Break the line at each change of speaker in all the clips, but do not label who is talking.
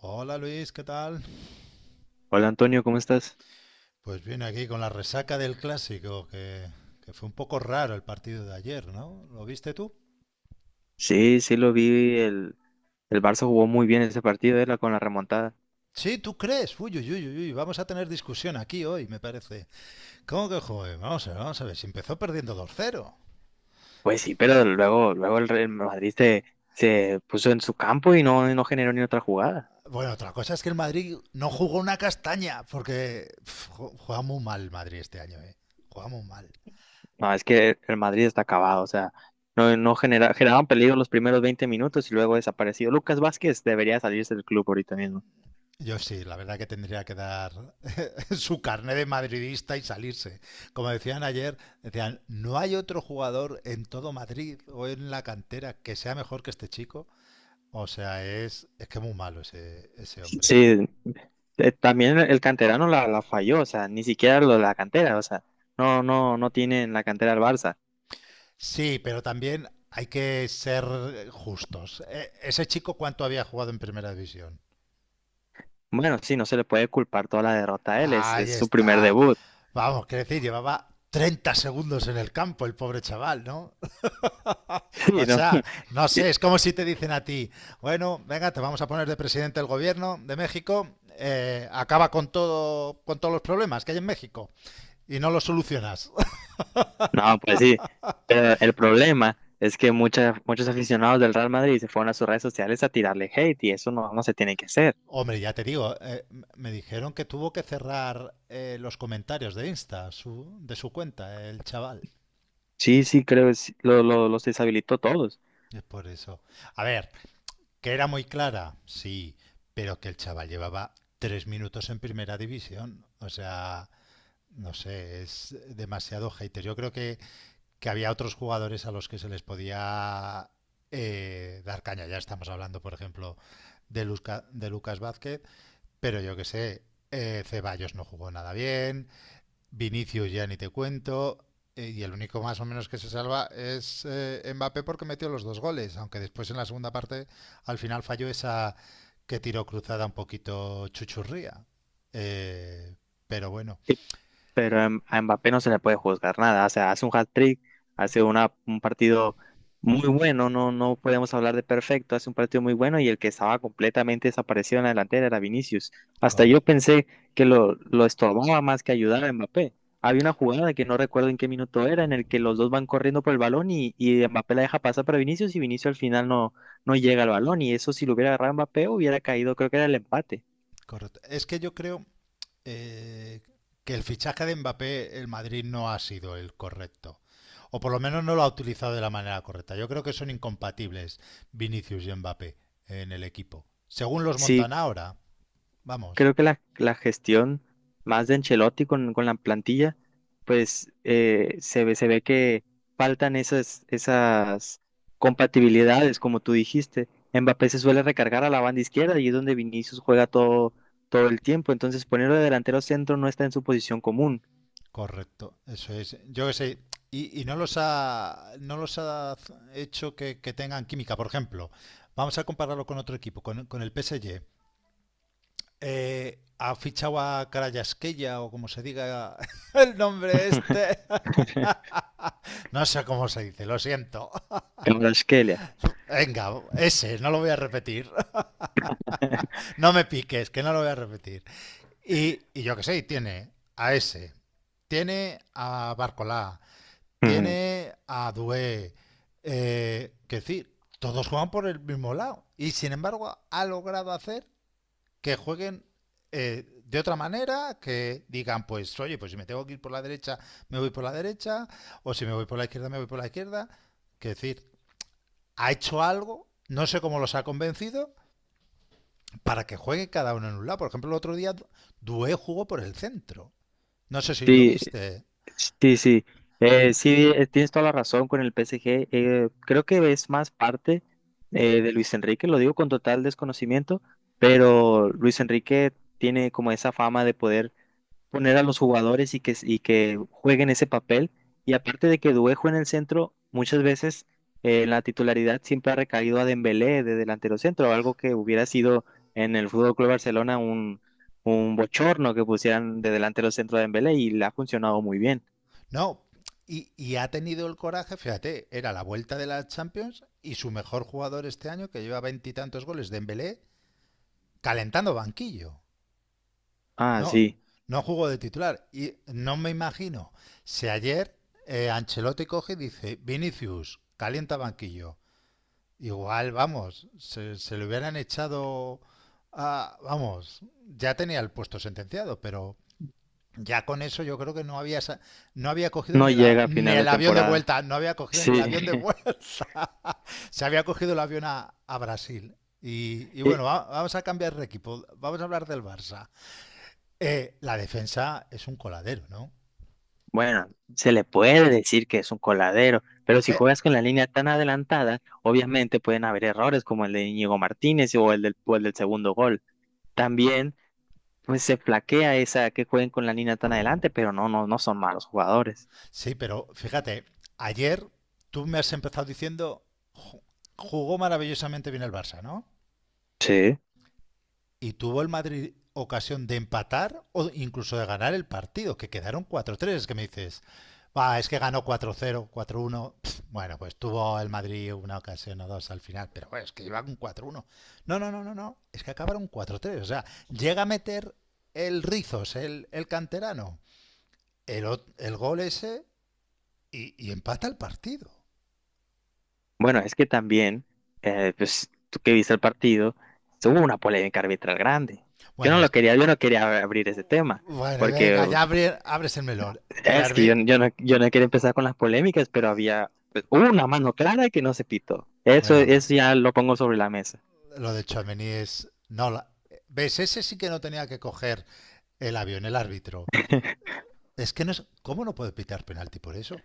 Hola Luis, ¿qué tal?
Hola Antonio, ¿cómo estás?
Pues bien, aquí con la resaca del clásico, que fue un poco raro el partido de ayer, ¿no? ¿Lo viste tú?
Sí, sí lo vi, el Barça jugó muy bien ese partido, era con la remontada.
Sí, ¿tú crees? Uy, uy, uy, uy, uy, vamos a tener discusión aquí hoy, me parece. ¿Cómo que joder? Vamos a ver, si empezó perdiendo 2-0.
Pues sí, pero luego el Real Madrid se puso en su campo y no generó ni otra jugada.
Bueno, otra cosa es que el Madrid no jugó una castaña, porque juega muy mal el Madrid este año, ¿eh? Juega muy mal.
No, es que el Madrid está acabado, o sea, no genera, generaban peligro los primeros 20 minutos y luego desapareció. Lucas Vázquez debería salirse del club ahorita mismo.
Yo sí, la verdad que tendría que dar su carné de madridista y salirse. Como decían ayer, decían, no hay otro jugador en todo Madrid o en la cantera que sea mejor que este chico. O sea, es que muy malo ese hombre.
Sí, también el canterano la falló, o sea, ni siquiera lo de la cantera, o sea, no tiene en la cantera el Barça.
Sí, pero también hay que ser justos. Ese chico, ¿cuánto había jugado en primera división?
Bueno, sí, no se le puede culpar toda la derrota a él,
Ahí
es su primer
está.
debut.
Vamos, quiero decir, llevaba 30 segundos en el campo el pobre chaval, ¿no? O
Sí, ¿no?
sea, no
Y-
sé, es como si te dicen a ti, bueno, venga, te vamos a poner de presidente del gobierno de México, acaba con todo, con todos los problemas que hay en México y no los solucionas.
No, pues sí. Pero el problema es que muchos aficionados del Real Madrid se fueron a sus redes sociales a tirarle hate y eso no, no se tiene que hacer.
Hombre, ya te digo, me dijeron que tuvo que cerrar los comentarios de Insta, de su cuenta, el chaval.
Sí, sí, creo que sí, los deshabilitó a todos.
Es por eso. A ver, que era muy clara, sí, pero que el chaval llevaba 3 minutos en primera división. O sea, no sé, es demasiado hater. Yo creo que había otros jugadores a los que se les podía dar caña. Ya estamos hablando, por ejemplo, de Lucas Vázquez, pero yo que sé, Ceballos no jugó nada bien, Vinicius ya ni te cuento, y el único más o menos que se salva es Mbappé porque metió los dos goles, aunque después en la segunda parte al final falló esa que tiró cruzada un poquito chuchurría. Eh, pero bueno,
Pero a a Mbappé no se le puede juzgar nada. O sea, hace un hat-trick, hace un partido muy bueno, no, no podemos hablar de perfecto, hace un partido muy bueno y el que estaba completamente desaparecido en la delantera era Vinicius. Hasta yo
correcto,
pensé que lo estorbaba más que ayudar a Mbappé. Había una jugada que no recuerdo en qué minuto era, en el que los dos van corriendo por el balón y Mbappé la deja pasar para Vinicius y Vinicius al final no llega al balón. Y eso si lo hubiera agarrado Mbappé hubiera caído, creo que era el empate.
correcto. Es que yo creo eh, que el fichaje de Mbappé, el Madrid no ha sido el correcto. O por lo menos no lo ha utilizado de la manera correcta. Yo creo que son incompatibles Vinicius y Mbappé en el equipo. Según los
Sí,
montan ahora, vamos,
creo que la gestión más de Ancelotti con la plantilla, pues se ve que faltan esas compatibilidades, como tú dijiste. Mbappé se suele recargar a la banda izquierda y es donde Vinicius juega todo el tiempo. Entonces, ponerlo de delantero centro no está en su posición común.
correcto. Eso es. Yo qué sé. Y no los ha hecho que tengan química. Por ejemplo, vamos a compararlo con otro equipo, con el PSG. Ha fichado a Carayasqueya, o como se diga el nombre este. No sé cómo se dice, lo siento.
Kvaratskhelia.
Venga, ese, no lo voy a repetir. No me piques, que no lo voy a repetir. Y yo qué sé, tiene a ese, tiene a Barcolá,
Ujú.
tiene a Dué. Que decir, todos juegan por el mismo lado. Y sin embargo, ha logrado hacer que jueguen de otra manera, que digan, pues, oye, pues si me tengo que ir por la derecha, me voy por la derecha, o si me voy por la izquierda, me voy por la izquierda. Que decir, ha hecho algo, no sé cómo los ha convencido, para que juegue cada uno en un lado. Por ejemplo, el otro día Dué jugó por el centro. No sé si lo
Sí,
viste.
sí, sí, sí, tienes toda la razón con el PSG. Creo que es más parte de Luis Enrique, lo digo con total desconocimiento, pero Luis Enrique tiene como esa fama de poder poner a los jugadores y y que jueguen ese papel. Y aparte de que Duejo en el centro, muchas veces la titularidad siempre ha recaído a Dembélé de delantero centro, algo que hubiera sido en el Fútbol Club Barcelona un bochorno que pusieran de delantero centro a Dembélé y le ha funcionado muy bien.
No, y, ha tenido el coraje, fíjate, era la vuelta de la Champions y su mejor jugador este año, que lleva veintitantos goles, Dembélé, calentando banquillo.
Ah,
No,
sí,
no jugó de titular. Y no me imagino si ayer Ancelotti coge y dice, Vinicius, calienta banquillo. Igual, vamos, se lo hubieran echado a, vamos, ya tenía el puesto sentenciado, pero ya con eso yo creo que no había cogido
no
ni, la,
llega a
ni
final de
el avión de
temporada.
vuelta, no había cogido
Sí,
ni el avión de vuelta. Se había cogido el avión a Brasil. Y
Y,
bueno, vamos a cambiar de equipo, vamos a hablar del Barça. La defensa es un coladero, ¿no?
bueno, se le puede decir que es un coladero, pero si
Eh,
juegas con la línea tan adelantada, obviamente pueden haber errores como el de Íñigo Martínez o el o el del segundo gol. También, pues se flaquea esa que jueguen con la línea tan adelante, pero no son malos jugadores.
sí, pero fíjate, ayer tú me has empezado diciendo, "Ju- Jugó maravillosamente bien el Barça, ¿no?"
Sí.
y tuvo el Madrid ocasión de empatar o incluso de ganar el partido, que quedaron 4-3, es que me dices, va, es que ganó 4-0, 4-1. Bueno, pues tuvo el Madrid una ocasión o dos al final, pero bueno, es que iba con 4-1. No, no, no, no, no, es que acabaron 4-3, o sea, llega a meter el Rizos, el canterano, el, el gol ese y empata el partido.
Bueno, es que también, pues tú que viste el partido, hubo una polémica arbitral grande. Yo
Bueno,
no lo quería, yo no quería abrir ese tema,
Bueno,
porque
venga, ya abres el melón.
es que yo yo no quería empezar con las polémicas, pero había, pues, hubo una mano clara que no se pitó. Eso,
Bueno,
eso ya lo pongo sobre la mesa.
lo de Tchouaméni es. No, ¿ves? Ese sí que no tenía que coger el avión, el árbitro. Es que no es. ¿Cómo no puede pitar penalti por eso?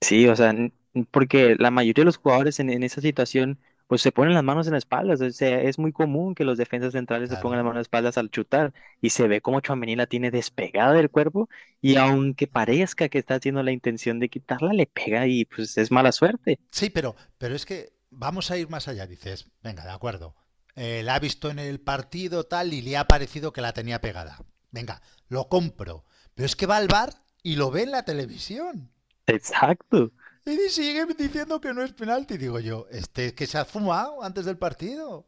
Sí, o sea, porque la mayoría de los jugadores en esa situación, pues se ponen las manos en la espalda. O sea, es muy común que los defensas centrales se pongan las
Claro.
manos en la espaldas al chutar y se ve como Tchouaméni la tiene despegada del cuerpo y aunque parezca que está haciendo la intención de quitarla, le pega y pues es mala suerte.
Sí, pero es que vamos a ir más allá. Dices, venga, de acuerdo. La ha visto en el partido tal y le ha parecido que la tenía pegada. Venga, lo compro. Pero es que va al bar y lo ve en la televisión.
Exacto.
Y sigue diciendo que no es penalti. Digo yo, este que se ha fumado antes del partido,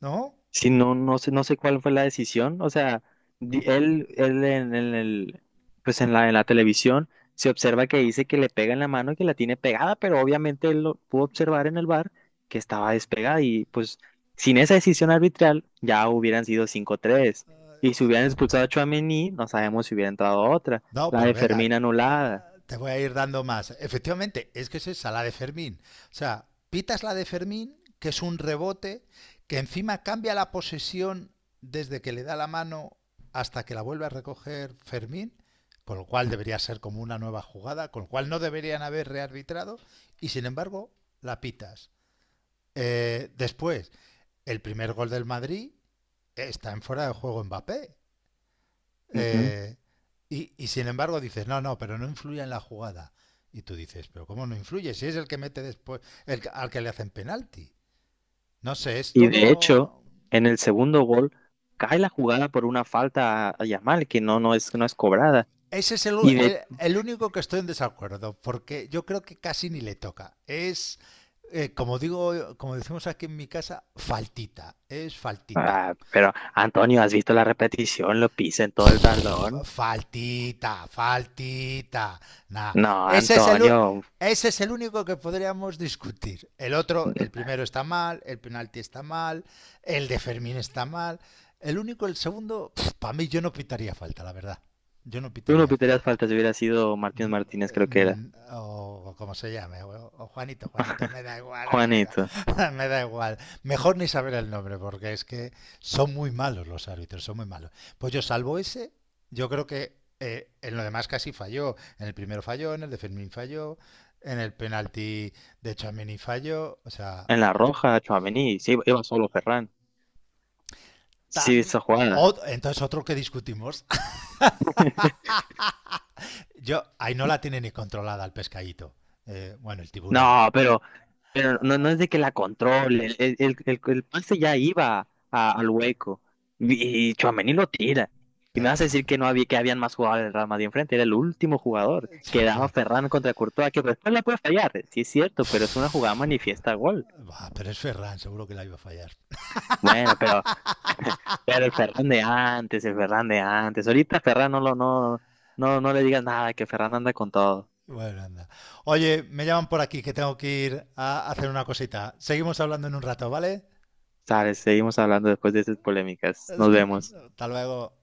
¿no?
Sí, no, no sé, no sé cuál fue la decisión. O sea, él pues en en la televisión se observa que dice que le pega en la mano y que la tiene pegada, pero obviamente él lo pudo observar en el bar que estaba despegada y pues sin esa decisión arbitral ya hubieran sido 5-3. Y si hubieran expulsado a Tchouaméni, no sabemos si hubiera entrado otra.
No,
La
pero
de
venga,
Fermín anulada.
te voy a ir dando más. Efectivamente, es que es esa, la de Fermín. O sea, pitas la de Fermín, que es un rebote, que encima cambia la posesión desde que le da la mano hasta que la vuelve a recoger Fermín, con lo cual debería ser como una nueva jugada, con lo cual no deberían haber rearbitrado, y sin embargo, la pitas. Después, el primer gol del Madrid está en fuera de juego Mbappé.
Ujú.
Eh, y sin embargo dices, no, no, pero no influye en la jugada. Y tú dices, pero ¿cómo no influye? Si es el que mete después, al que le hacen penalti. No sé, es
Y de hecho,
todo.
en el segundo gol cae la jugada por una falta a Yamal que no es cobrada.
Ese es el,
Y
el-
de
el único que estoy en desacuerdo, porque yo creo que casi ni le toca. Es, como digo, como decimos aquí en mi casa, faltita. Es faltita.
Ah, pero Antonio, ¿has visto la repetición? Lo pisa en todo el talón.
Faltita, faltita. Nah.
No,
Ese es el,
Antonio,
ese es el único que podríamos discutir. El otro,
tú
el primero está mal, el penalti está mal, el de Fermín está mal. El único, el segundo, para mí yo no pitaría falta, la verdad. Yo no
no
pitaría
pitarías
falta.
faltas, hubiera sido Martínez
Mm,
Martínez, creo que era.
o como se llame, o, Juanito, Juanito, me da igual, o sea,
Juanito,
me da igual. Mejor ni saber el nombre, porque es que son muy malos los árbitros, son muy malos. Pues yo salvo ese, yo creo que en lo demás casi falló. En el primero falló, en el de Fermín falló, en el penalti de Chamini falló, o sea,
en la roja, Tchouaméni, sí, iba solo Ferran. Sí,
también.
esa jugada.
Entonces otro que discutimos, yo, ahí no la tiene ni controlada el pescadito, bueno, el tiburón,
No, pero no, no es de que la controle. El pase ya iba al hueco. Y Tchouaméni lo tira. Y me
pero,
vas a decir que no había, que habían más jugadores del Real Madrid enfrente. Era el último jugador. Quedaba
pero
Ferran contra Courtois, que después la puede fallar. Sí, es cierto, pero es una jugada manifiesta gol.
Bah, pero es Ferran, seguro que la iba a fallar.
Bueno, pero, pero el Ferran de antes, el Ferran de antes. Ahorita Ferran no lo, no, no, no le digas nada, que Ferran anda con todo.
Bueno, anda. Oye, me llaman por aquí que tengo que ir a hacer una cosita. Seguimos hablando en un rato, ¿vale?
Sabes, seguimos hablando después de esas polémicas. Nos vemos.
Hasta luego.